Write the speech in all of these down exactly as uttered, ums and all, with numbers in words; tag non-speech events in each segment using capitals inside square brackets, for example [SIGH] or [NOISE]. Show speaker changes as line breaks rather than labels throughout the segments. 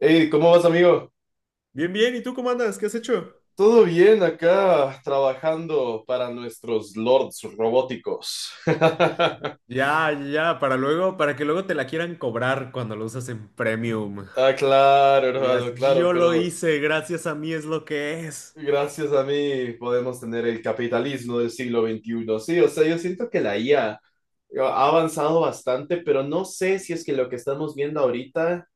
Hey, ¿cómo vas, amigo?
Bien, bien. ¿Y tú cómo andas? ¿Qué has hecho?
Todo bien acá, trabajando para nuestros lords robóticos. [LAUGHS]
Ya, ya, para luego, para que luego te la quieran cobrar cuando lo usas en premium.
Ah, claro,
Y digas,
hermano, claro,
yo lo
pero
hice, gracias a mí es lo que es.
gracias a mí podemos tener el capitalismo del siglo veintiuno. Sí, o sea, yo siento que la I A ha avanzado bastante, pero no sé si es que lo que estamos viendo ahorita.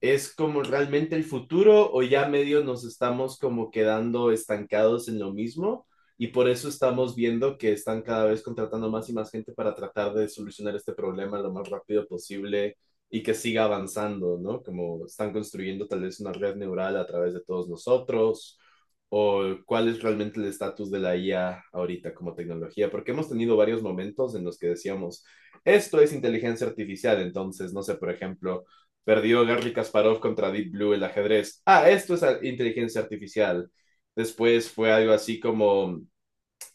¿Es como realmente el futuro o ya medio nos estamos como quedando estancados en lo mismo? Y por eso estamos viendo que están cada vez contratando más y más gente para tratar de solucionar este problema lo más rápido posible y que siga avanzando, ¿no? Como están construyendo tal vez una red neural a través de todos nosotros, o cuál es realmente el estatus de la I A ahorita como tecnología, porque hemos tenido varios momentos en los que decíamos, esto es inteligencia artificial. Entonces, no sé, por ejemplo, perdió Garry Kasparov contra Deep Blue el ajedrez. Ah, esto es inteligencia artificial. Después fue algo así como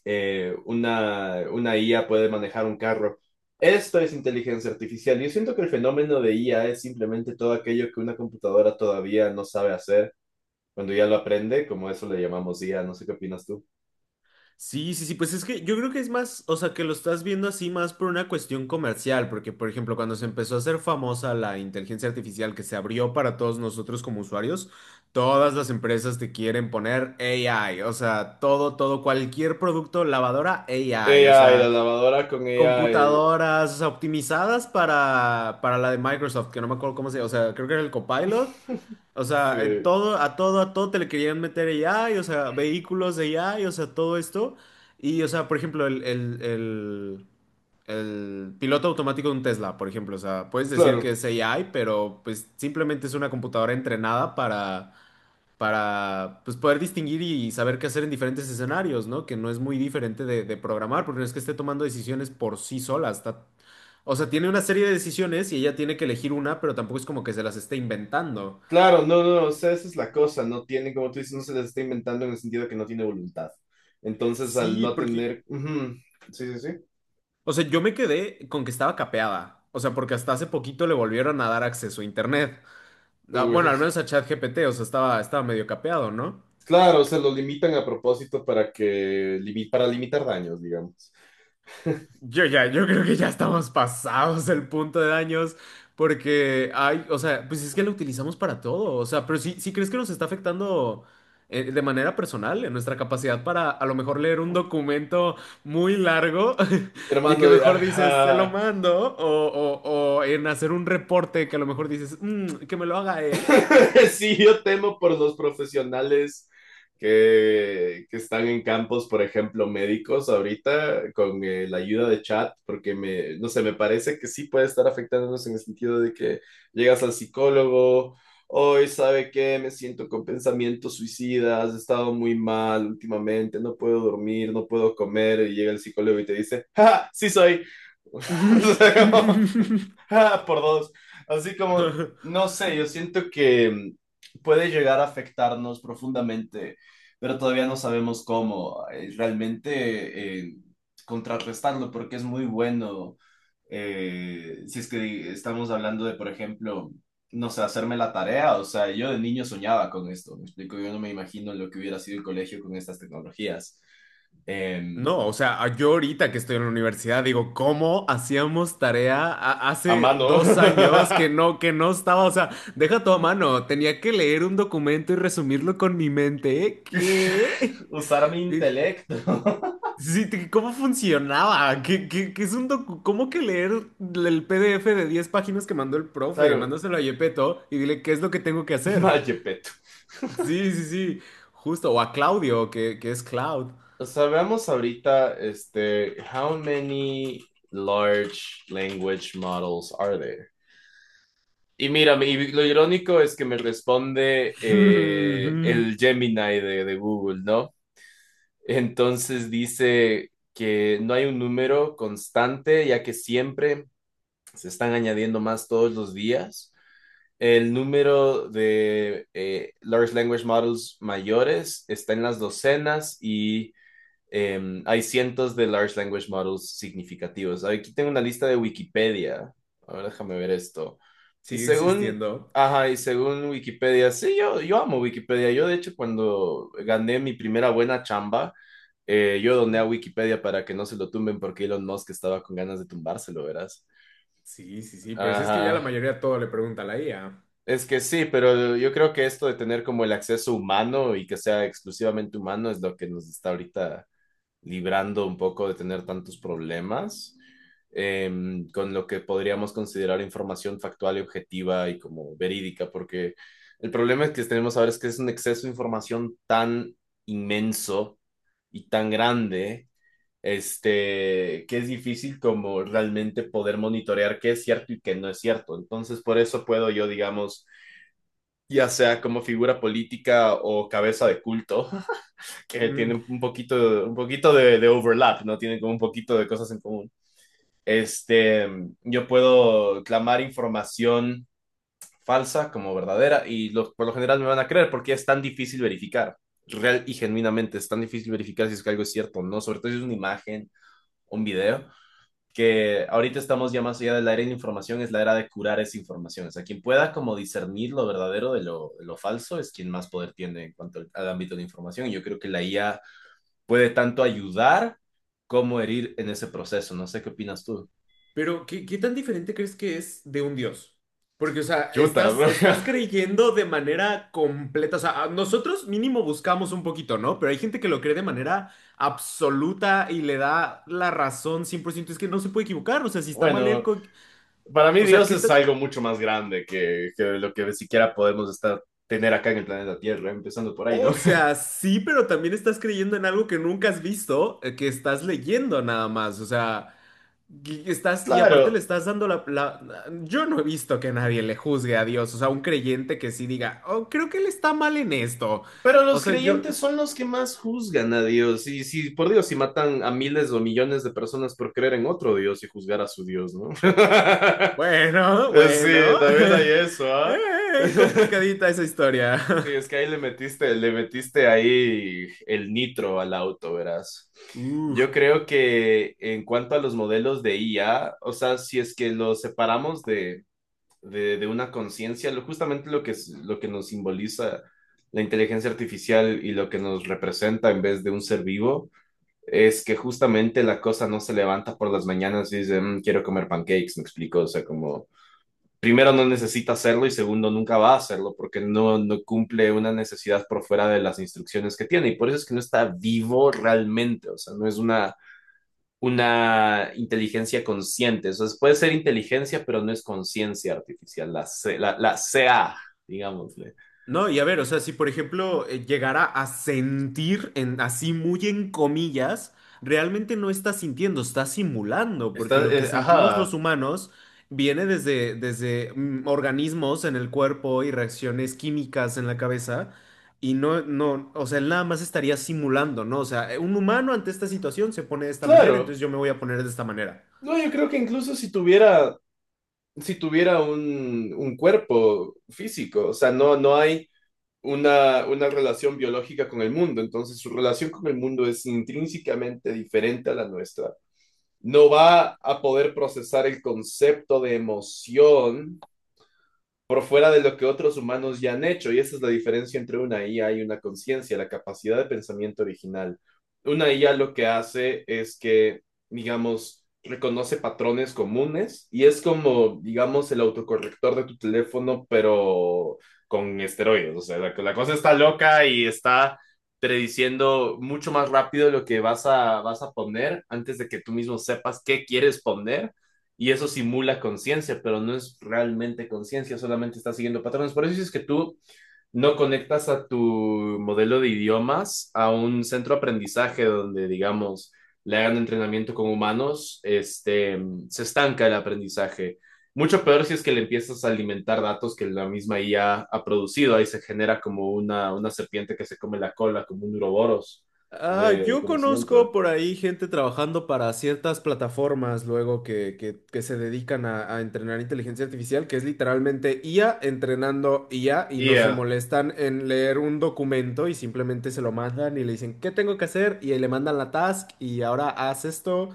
eh, una, una I A puede manejar un carro. Esto es inteligencia artificial. Yo siento que el fenómeno de I A es simplemente todo aquello que una computadora todavía no sabe hacer cuando ya lo aprende, como eso le llamamos I A. No sé qué opinas tú.
Sí, sí, sí, pues es que yo creo que es más, o sea, que lo estás viendo así más por una cuestión comercial, porque por ejemplo, cuando se empezó a hacer famosa la inteligencia artificial que se abrió para todos nosotros como usuarios, todas las empresas te quieren poner A I, o sea, todo, todo, cualquier producto, lavadora, A I, o
A I, la
sea.
lavadora con A I.
Computadoras, o sea, optimizadas para, para, la de Microsoft, que no me acuerdo cómo se llama, o sea, creo que era el Copilot.
[LAUGHS]
O sea, eh,
Sí,
todo, a todo, a todo te le querían meter A I, o sea, vehículos de A I, o sea, todo esto. Y, o sea, por ejemplo, el, el, el, el piloto automático de un Tesla, por ejemplo, o sea, puedes decir que
claro.
es A I, pero pues simplemente es una computadora entrenada para para pues, poder distinguir y saber qué hacer en diferentes escenarios, ¿no? Que no es muy diferente de, de programar, porque no es que esté tomando decisiones por sí sola. Está, o sea, tiene una serie de decisiones y ella tiene que elegir una, pero tampoco es como que se las esté inventando.
Claro, no, no, no, o sea, esa es la cosa, no tiene, como tú dices, no se les está inventando en el sentido de que no tiene voluntad. Entonces, al
Sí,
no
porque,
tener, ujú, sí, sí, sí,
o sea, yo me quedé con que estaba capeada. O sea, porque hasta hace poquito le volvieron a dar acceso a internet. Ah, bueno,
uy,
al menos a ChatGPT, o sea, estaba, estaba medio capeado, ¿no?
claro, se lo limitan a propósito para que, limi- para limitar daños, digamos.
Yo ya, yo creo que ya estamos pasados el punto de daños porque hay, o sea, pues es que lo utilizamos para todo, o sea, pero sí, ¿sí crees que nos está afectando eh, de manera personal en nuestra capacidad para a lo mejor leer un documento muy largo? [LAUGHS] Y
Hermano,
que mejor dices, se lo
ajá.
mando, o, o- o en hacer un reporte que a lo mejor dices, "Mm, que me lo haga él."
[LAUGHS] Sí, yo temo por los profesionales que, que, están en campos, por ejemplo, médicos ahorita, con eh, la ayuda de chat, porque me, no sé, me parece que sí puede estar afectándonos en el sentido de que llegas al psicólogo, hoy sabe qué, me siento con pensamientos suicidas, he estado muy mal últimamente, no puedo dormir, no puedo comer, y llega el psicólogo y te dice, ¡Ja, ja, sí soy. [LAUGHS] O sea, como,
[LAUGHS]
[LAUGHS] Ah, por dos. Así como, no sé, yo siento que mm, puede llegar a afectarnos profundamente, pero todavía no sabemos cómo eh, realmente eh, contrarrestarlo, porque es muy bueno, eh, si es que estamos hablando de, por ejemplo, no sé, hacerme la tarea, o sea, yo de niño soñaba con esto, me explico, yo no me imagino lo que hubiera sido el colegio con estas tecnologías. Em,
No, o sea, a- yo ahorita que estoy en la universidad digo, ¿cómo hacíamos tarea a-
a
hace
mano. [LAUGHS]
dos años que no, que no, estaba? O sea, deja todo a mano, tenía que leer un documento y resumirlo con mi mente. ¿Qué?
Usar mi
Eh,
intelecto. [LAUGHS]
Sí, te- ¿cómo funcionaba? ¿Qué, qué- qué es un docu- ¿cómo que leer el P D F de diez páginas que mandó el profe?
Claro,
Mándaselo a Yepeto y dile qué es lo que tengo que
[LAUGHS]
hacer.
vaya peto.
Sí, sí, sí, justo. O a Claudio, que, que es Cloud.
Sabemos ahorita, este, how many large language models are there? Y mira, y lo irónico es que me responde eh,
[LAUGHS]
el Gemini de, de Google, ¿no? Entonces dice que no hay un número constante, ya que siempre se están añadiendo más todos los días. El número de eh, large language models mayores está en las docenas y eh, hay cientos de large language models significativos. Aquí tengo una lista de Wikipedia. A ver, déjame ver esto. Y
Sigue
según,
existiendo.
ajá, y según Wikipedia, sí, yo, yo amo Wikipedia. Yo, de hecho, cuando gané mi primera buena chamba, eh, yo doné a Wikipedia para que no se lo tumben porque Elon Musk estaba con ganas de tumbárselo, verás.
Sí, sí, sí, pero si es que ya la
Ajá.
mayoría todo le pregunta a la i a.
Es que sí, pero yo creo que esto de tener como el acceso humano y que sea exclusivamente humano es lo que nos está ahorita librando un poco de tener tantos problemas, eh, con lo que podríamos considerar información factual y objetiva y como verídica, porque el problema que tenemos ahora es que es un exceso de información tan inmenso y tan grande, este, que es difícil como realmente poder monitorear qué es cierto y qué no es cierto. Entonces, por eso puedo yo, digamos, ya sea como figura política o cabeza de culto, que
Mm,
tienen un poquito, un poquito de, de overlap, ¿no? Tienen como un poquito de cosas en común. Este, yo puedo clamar información falsa como verdadera y los, por lo general me van a creer porque es tan difícil verificar, real y genuinamente, es tan difícil verificar si es que algo es cierto o no, sobre todo si es una imagen, un video, que ahorita estamos ya más allá de la era de la información, es la era de curar esa información. O sea, quien pueda como discernir lo verdadero de lo, de lo falso es quien más poder tiene en cuanto al, al ámbito de información. Y yo creo que la I A puede tanto ayudar como herir en ese proceso. No sé qué opinas tú.
Pero, ¿qué, qué tan diferente crees que es de un dios? Porque, o sea,
Chuta,
estás, estás
[LAUGHS]
creyendo de manera completa. O sea, a- nosotros mínimo buscamos un poquito, ¿no? Pero hay gente que lo cree de manera absoluta y le da la razón cien por ciento. Es que no se puede equivocar. O sea, si está mal él,
bueno,
co-
para mí
o sea,
Dios
¿qué
es
tan
algo mucho más grande que, que lo que siquiera podemos estar, tener acá en el planeta Tierra, empezando por ahí, ¿no?
o
[LAUGHS]
sea, sí, pero también estás creyendo en algo que nunca has visto, eh, que estás leyendo nada más. O sea, y estás, y aparte le
Claro,
estás dando la, la- Yo no he visto que nadie le juzgue a Dios. O sea, un creyente que sí diga, oh, creo que él está mal en esto.
pero
O
los
sea, yo.
creyentes son los que más juzgan a Dios. Y si, por Dios, si matan a miles o millones de personas por creer en otro Dios y juzgar a su Dios, ¿no? [LAUGHS] Sí,
Bueno, bueno.
también hay
[LAUGHS]
eso, ¿ah? [LAUGHS]
Eh,
¿eh?
complicadita esa historia.
Sí, es que ahí le metiste, le metiste ahí el nitro al auto, verás. Yo
[LAUGHS] Uf.
creo que en cuanto a los modelos de I A, o sea, si es que los separamos de, de, de una conciencia, lo, justamente lo que, es- lo que nos simboliza la inteligencia artificial y lo que nos representa en vez de un ser vivo, es que justamente la cosa no se levanta por las mañanas y dice, "Mm, quiero comer pancakes, me explico, o sea, como primero no necesita hacerlo y segundo nunca va a hacerlo porque no, no cumple una necesidad por fuera de las instrucciones que tiene y por eso es que no está vivo realmente, o sea, no es una, una inteligencia consciente, o sea, puede ser inteligencia pero no es conciencia artificial, la, C, la, la C A, digámosle.
No, y a ver, o sea, si por ejemplo eh, llegara a sentir en, así muy en comillas, realmente no está sintiendo, está simulando, porque
Está,
lo que
eh,
sentimos
ajá,
los humanos viene desde, desde mm, organismos en el cuerpo y reacciones químicas en la cabeza, y no, no, o sea, él nada más estaría simulando, ¿no? O sea, eh, un humano ante esta situación se pone de esta manera,
claro,
entonces yo me voy a poner de esta manera.
no, yo creo que incluso si tuviera, si tuviera un, un cuerpo físico, o sea, no, no hay una, una relación biológica con el mundo. Entonces, su relación con el mundo es intrínsecamente diferente a la nuestra. No va a poder procesar el concepto de emoción por fuera de lo que otros humanos ya han hecho. Y esa es la diferencia entre una I A y una conciencia, la capacidad de pensamiento original. Una I A lo que hace es que, digamos, reconoce patrones comunes y es como, digamos, el autocorrector de tu teléfono, pero con esteroides. O sea, la, la cosa está loca y está prediciendo mucho más rápido lo que vas a, vas a poner antes de que tú mismo sepas qué quieres poner y eso simula conciencia, pero no es realmente conciencia, solamente está siguiendo patrones. Por eso es que tú no conectas a tu modelo de idiomas a un centro de aprendizaje donde, digamos, le hagan entrenamiento con humanos, este, se estanca el aprendizaje. Mucho peor si es que le empiezas a alimentar datos que la misma I A ha producido. Ahí se genera como una, una serpiente que se come la cola, como un uroboros de,
Ah,
de
yo
conocimiento.
conozco por ahí gente trabajando para ciertas plataformas luego que, que- que se dedican a, a entrenar inteligencia artificial, que es literalmente i a entrenando i a y
Y
no se
yeah.
molestan en leer un documento y simplemente se lo mandan y le dicen, ¿qué tengo que hacer? Y ahí le mandan la task y ahora haz esto.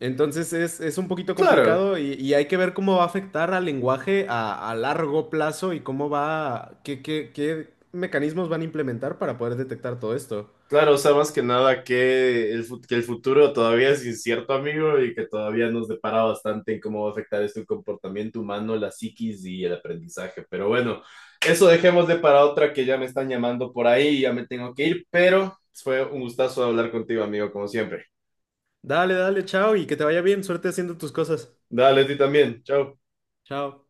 Entonces es, es un poquito
Claro,
complicado y, y hay que ver cómo va a afectar al lenguaje a, a largo plazo y cómo va, qué, qué, qué mecanismos van a implementar para poder detectar todo esto.
claro, o sea, más que nada que el, fu- que el futuro todavía es incierto, amigo, y que todavía nos depara bastante en cómo va a afectar esto el comportamiento humano, la psiquis y el aprendizaje. Pero bueno, eso dejemos de para otra que ya me están llamando por ahí y ya me tengo que ir, pero fue un gustazo hablar contigo, amigo, como siempre.
Dale, dale, chao y que te vaya bien. Suerte haciendo tus cosas.
Dale, a ti también. Chao.
Chao.